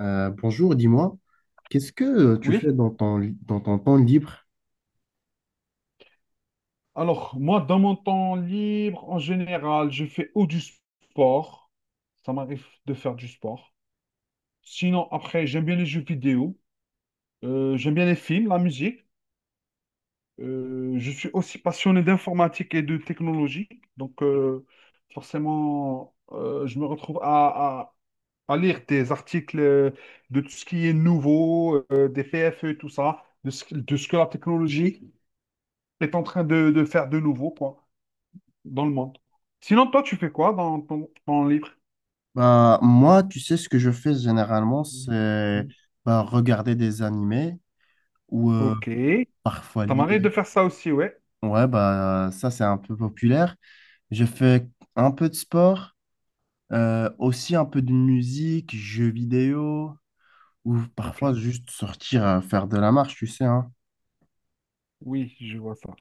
Bonjour, dis-moi, qu'est-ce que tu Oui, fais dans dans ton temps libre? alors moi, dans mon temps libre, en général, je fais ou du sport. Ça m'arrive de faire du sport. Sinon, après, j'aime bien les jeux vidéo. J'aime bien les films, la musique. Je suis aussi passionné d'informatique et de technologie. Donc, forcément, je me retrouve à lire des articles de tout ce qui est nouveau, des PFE, tout ça, de ce que la technologie est en train de faire de nouveau, quoi. Dans le monde. Sinon, toi, tu fais quoi dans ton temps libre? Bah, moi, tu sais, ce que je fais généralement, Mm. c'est Mm. bah, regarder des animés ou Ok. parfois Ça lire. m'arrive de faire ça aussi, ouais. Ouais, bah, ça, c'est un peu populaire. Je fais un peu de sport, aussi un peu de musique, jeux vidéo, ou Ok. parfois juste sortir faire de la marche, tu sais, hein. Oui, je vois ça.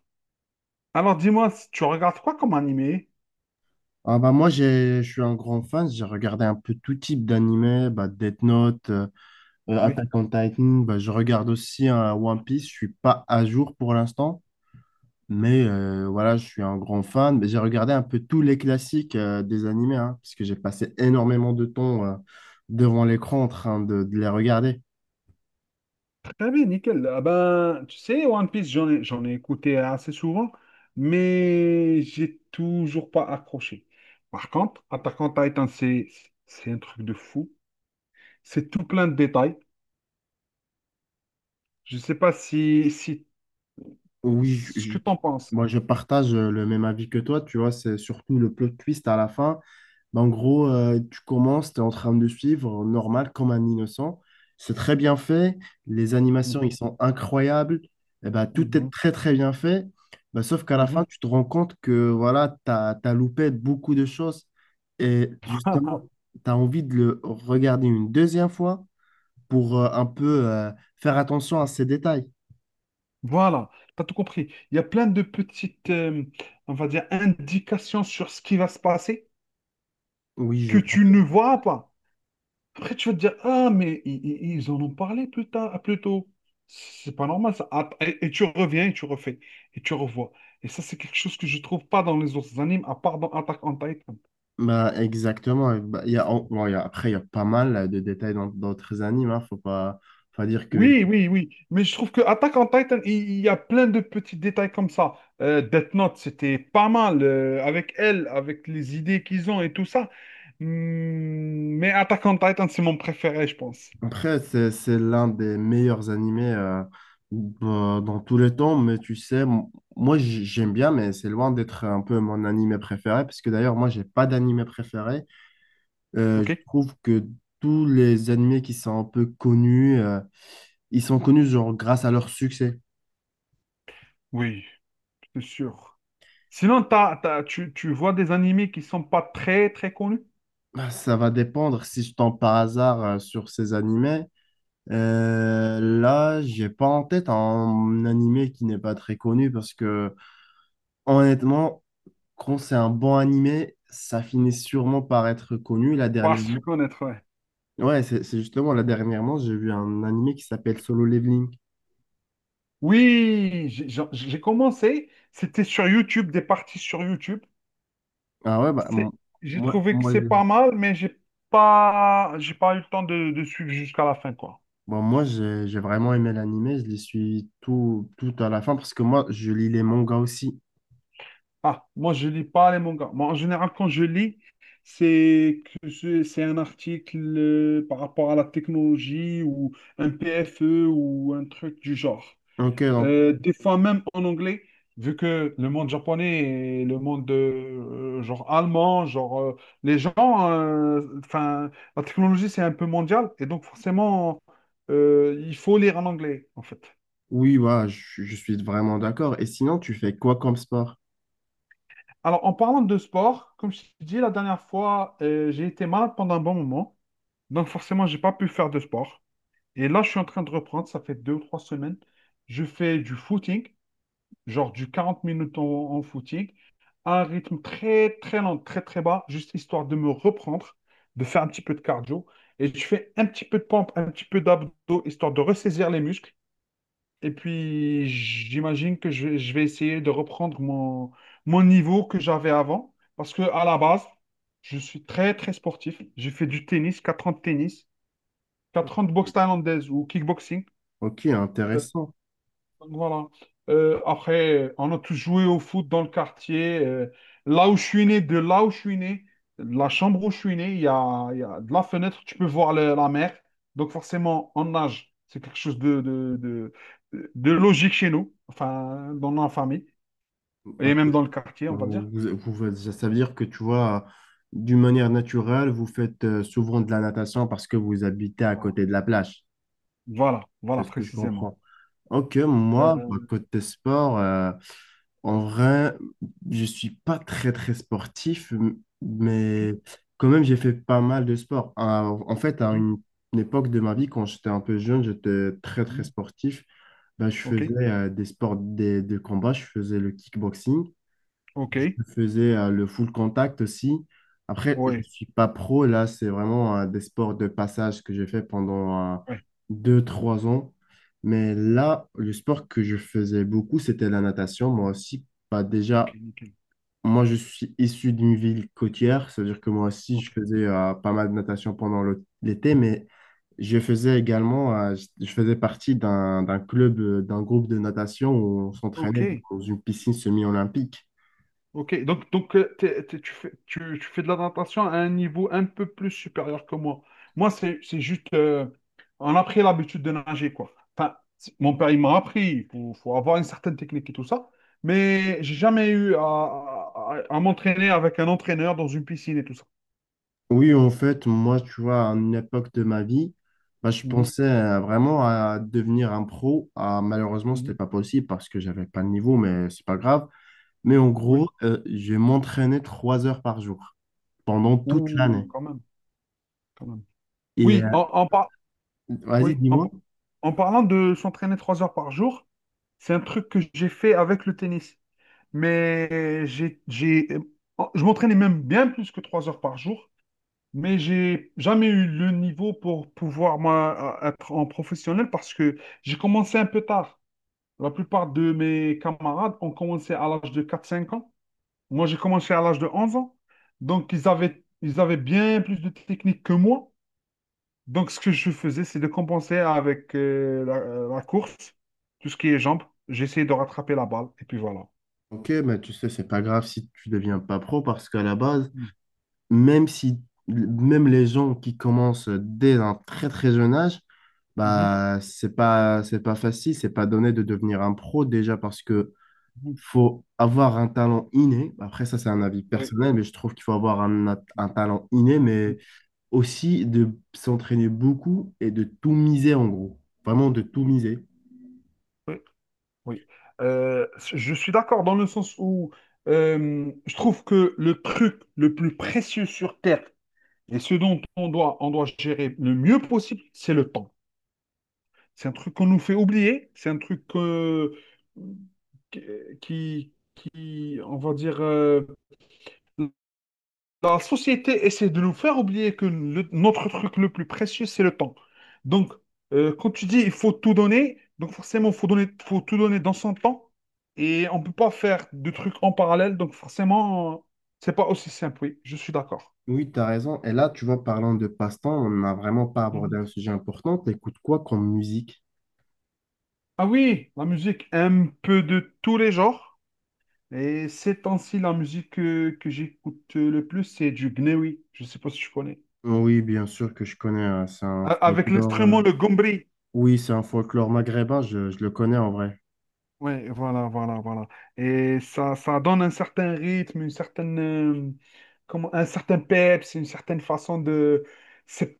Alors, dis-moi, si tu regardes quoi comme animé? Ah, bah, je suis un grand fan, j'ai regardé un peu tout type d'animés, bah, Death Note. Oui. Attack on Titan, bah, je regarde aussi un One Piece. Je suis pas à jour pour l'instant, mais voilà, je suis un grand fan. Mais j'ai regardé un peu tous les classiques des animés, hein, parce que j'ai passé énormément de temps devant l'écran en train de les regarder. Très bien, nickel. Ah ben, tu sais, One Piece, j'en ai écouté assez souvent, mais j'ai toujours pas accroché. Par contre, Attack on Titan, c'est un truc de fou. C'est tout plein de détails. Je sais pas si, si, Oui, ce que t'en penses. moi je partage le même avis que toi, tu vois, c'est surtout le plot twist à la fin. Ben, en gros, tu commences, tu es en train de suivre, normal, comme un innocent. C'est très bien fait, les animations, ils Mhm, sont incroyables, et ben, tout est mhm, très très bien fait. Ben, sauf qu'à la fin, mhm. tu te rends compte que voilà, tu as loupé beaucoup de choses, et justement, tu as envie de le regarder une deuxième fois pour un peu faire attention à ces détails. Voilà, t'as tout compris. Il y a plein de petites, on va dire, indications sur ce qui va se passer Oui, je que tu comprends. ne vois pas. Après, tu vas te dire, ah, mais ils en ont parlé plus tard, plus tôt. C'est pas normal, ça. Ah, et tu reviens et tu refais, et tu revois. Et ça, c'est quelque chose que je trouve pas dans les autres animes, à part dans Attack on Titan. Bah, exactement. Bah, il y a, en- bon, il y a- après, il y a pas mal de détails dans d'autres animes, hein. Faut pas dire que. Oui, oui, oui. Mais je trouve que Attack on Titan, il y a plein de petits détails comme ça. Death Note, c'était pas mal avec elle, avec les idées qu'ils ont et tout ça. Hmm, mais Attack on Titan, c'est mon préféré, je pense. Après, c'est l'un des meilleurs animés bah, dans tous les temps. Mais tu sais, moi, j'aime bien, mais c'est loin d'être un peu mon animé préféré. Parce que d'ailleurs, moi, j'ai pas d'animé préféré. Je OK? trouve que tous les animés qui sont un peu connus, ils sont connus genre grâce à leur succès. Oui, c'est sûr. Sinon, tu vois des animés qui sont pas très, très connus? Bah, ça va dépendre si je tombe par hasard sur ces animés. Là, j'ai pas en tête un animé qui n'est pas très connu parce que honnêtement, quand c'est un bon animé, ça finit sûrement par être connu. Là Pas se dernièrement, connaître, ouais. ouais, c'est justement là dernièrement, j'ai vu un animé qui s'appelle Solo Leveling. Oui, j'ai commencé. C'était sur YouTube, des parties sur YouTube. Ah ouais, C'est- J'ai moi, trouvé que moi, c'est j'ai- pas mal, mais j'ai pas eu le temps de suivre jusqu'à la fin, quoi. bon, moi j'ai vraiment aimé l'animé. Je les suis tout tout à la fin parce que moi, je lis les mangas aussi. Ah, moi, je lis pas les mangas. Moi, en général, quand je lis, c'est que c'est un article par rapport à la technologie ou un PFE ou un truc du genre. Ok, donc Des fois même en anglais, vu que le monde japonais et le monde genre allemand, genre les gens, enfin, la technologie c'est un peu mondial et donc forcément il faut lire en anglais en fait. oui, voilà, je suis vraiment d'accord. Et sinon, tu fais quoi comme sport? Alors en parlant de sport, comme je t'ai dit la dernière fois, j'ai été malade pendant un bon moment, donc forcément j'ai pas pu faire de sport. Et là je suis en train de reprendre, ça fait 2 ou 3 semaines, je fais du footing. Genre du 40 minutes en footing, à un rythme très, très lent, très, très bas, juste histoire de me reprendre, de faire un petit peu de cardio. Et je fais un petit peu de pompe, un petit peu d'abdos, histoire de ressaisir les muscles. Et puis, j'imagine que je vais essayer de reprendre mon, niveau que j'avais avant. Parce que à la base, je suis très, très sportif. J'ai fait du tennis, 4 ans de tennis, 4 ans de boxe thaïlandaise ou kickboxing. Ok, intéressant. Voilà. Après, on a tous joué au foot dans le quartier. Là où je suis né, de là où je suis né, de la chambre où je suis né, il y a de la fenêtre, tu peux voir la mer. Donc forcément, on nage. C'est quelque chose de logique chez nous, enfin, dans la famille, et même dans le quartier, on Bah, va dire. Ça ça veut dire que tu vois, d'une manière naturelle, vous faites souvent de la natation parce que vous habitez à Voilà, côté de la plage. voilà, C'est voilà, ce que je précisément. comprends. Ok, moi, bah, Euh, côté sport, en vrai, je suis pas très très sportif, mais ok, quand même, j'ai fait pas mal de sport. En fait, mhm, une époque de ma vie, quand j'étais un peu jeune, j'étais très très mhm, sportif. Bah, je ok, faisais de combat, je faisais le kickboxing. ok, Je faisais le full contact aussi. Après, je ne ouais, suis pas pro, là, c'est vraiment des sports de passage que j'ai fait pendant ouais, deux, trois ans. Mais là, le sport que je faisais beaucoup, c'était la natation. Moi aussi, pas ok, déjà, nickel, moi, je suis issu d'une ville côtière, c'est-à-dire que moi aussi, ok, je faisais pas mal de natation pendant l'été, mais je faisais également, euh, je faisais partie d'un club, d'un groupe de natation où on ok. s'entraînait dans une piscine semi-olympique. Ok, donc, tu fais de la natation à un niveau un peu plus supérieur que moi. Moi, c'est juste, on a pris l'habitude de nager, quoi. Enfin, mon père, il m'a appris, il faut avoir une certaine technique et tout ça, mais j'ai jamais eu à m'entraîner avec un entraîneur dans une piscine et tout ça. Oui, en fait, moi, tu vois, à une époque de ma vie, bah, je Mhm, pensais vraiment à devenir un pro. Ah, malheureusement, ce n'était mhm, pas possible parce que j'avais pas le niveau, mais c'est pas grave. Mais en oui, gros, je m'entraînais trois heures par jour pendant toute l'année. Ouh, quand même, quand même. Et Oui, vas-y, oui, dis-moi. En parlant de s'entraîner 3 heures par jour, c'est un truc que j'ai fait avec le tennis. Mais je m'entraînais même bien plus que 3 heures par jour, mais j'ai jamais eu le niveau pour pouvoir moi, être en professionnel parce que j'ai commencé un peu tard. La plupart de mes camarades ont commencé à l'âge de 4 5 ans. Moi, j'ai commencé à l'âge de 11 ans. Donc, ils avaient bien plus de technique que moi. Donc, ce que je faisais, c'est de compenser avec la course, tout ce qui est jambes. J'essayais de rattraper la balle, et puis voilà. Ok, mais tu sais, c'est pas grave si tu deviens pas pro parce qu'à la base, même si même les gens qui commencent dès un très très jeune âge, Mhm. bah c'est pas facile, c'est pas donné de devenir un pro déjà parce que Mhm. faut avoir un talent inné. Après, ça, c'est un avis Oui. personnel, mais je trouve qu'il faut avoir un talent inné, mais aussi de s'entraîner beaucoup et de tout miser, en gros. Vraiment de tout miser. Oui, oui. Euh, je suis d'accord dans le sens où je trouve que le truc le plus précieux sur Terre et ce dont on doit gérer le mieux possible, c'est le temps. C'est un truc qu'on nous fait oublier, c'est un truc qui, on va dire, la société essaie de nous faire oublier que notre truc le plus précieux, c'est le temps. Donc, quand tu dis il faut tout donner, donc forcément, faut tout donner dans son temps. Et on ne peut pas faire de trucs en parallèle. Donc, forcément, c'est pas aussi simple. Oui, je suis d'accord. Oui, tu as raison. Et là, tu vois, parlant de passe-temps, on n'a vraiment pas abordé Mhm. un sujet important. T'écoutes quoi comme musique? Ah oui, la musique, un peu de tous les genres. Et ces temps-ci, la musique que, j'écoute le plus, c'est du gnewi. Je ne sais pas si tu connais. Oui, bien sûr que je connais, hein. C'est un Avec folklore. L'instrument, le gombri. Oui, c'est un folklore maghrébin. Je le connais en vrai. Ouais, voilà, voilà, voilà. Et ça donne un certain rythme, une certaine, comment, un certain peps, une certaine façon de. C'est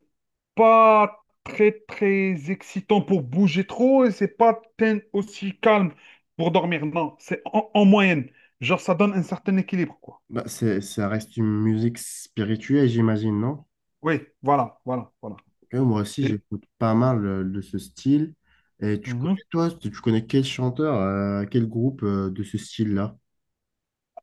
pas très, très excitant pour bouger trop et c'est pas aussi calme pour dormir. Non, c'est en moyenne. Genre, ça donne un certain équilibre, quoi. Bah, ça reste une musique spirituelle, j'imagine, non? Oui, voilà, voilà, voilà. Ouais, moi aussi, Et- j'écoute pas mal de ce style. Et tu connais, Mhm. toi, tu connais quel chanteur, quel groupe de ce style-là?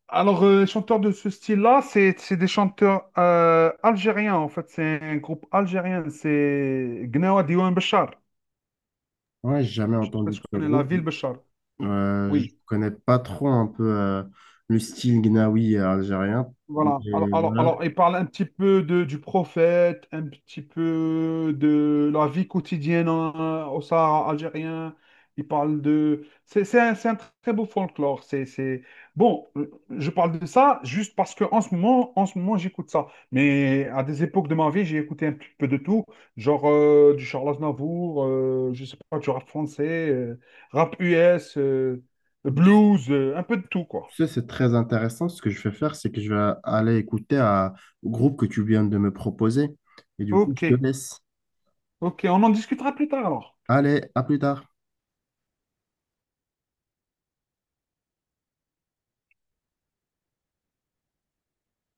Alors, les chanteurs de ce style-là, c'est des chanteurs algériens, en fait. C'est un groupe algérien. C'est Gnawa Diouane Béchar. Ouais, j'ai jamais Je sais pas entendu si de tu ce connais la groupe. ville Béchar. Je Oui, connais pas trop un peu le style gnawi algérien. voilà. Alors, Et alors, voilà. alors, il parle un petit peu du prophète, un petit peu de la vie quotidienne au Sahara algérien. C'est un très beau folklore. Bon, je parle de ça juste parce que en ce moment, j'écoute ça. Mais à des époques de ma vie, j'ai écouté un petit peu de tout, genre du Charles Aznavour, je sais pas, du rap français, rap US, blues, un peu de tout, quoi. Tu sais, c'est très intéressant. Ce que je vais faire, c'est que je vais aller au groupe que tu viens de me proposer. Et du coup, Ok, je te laisse. ok, on en discutera plus tard alors. Allez, à plus tard.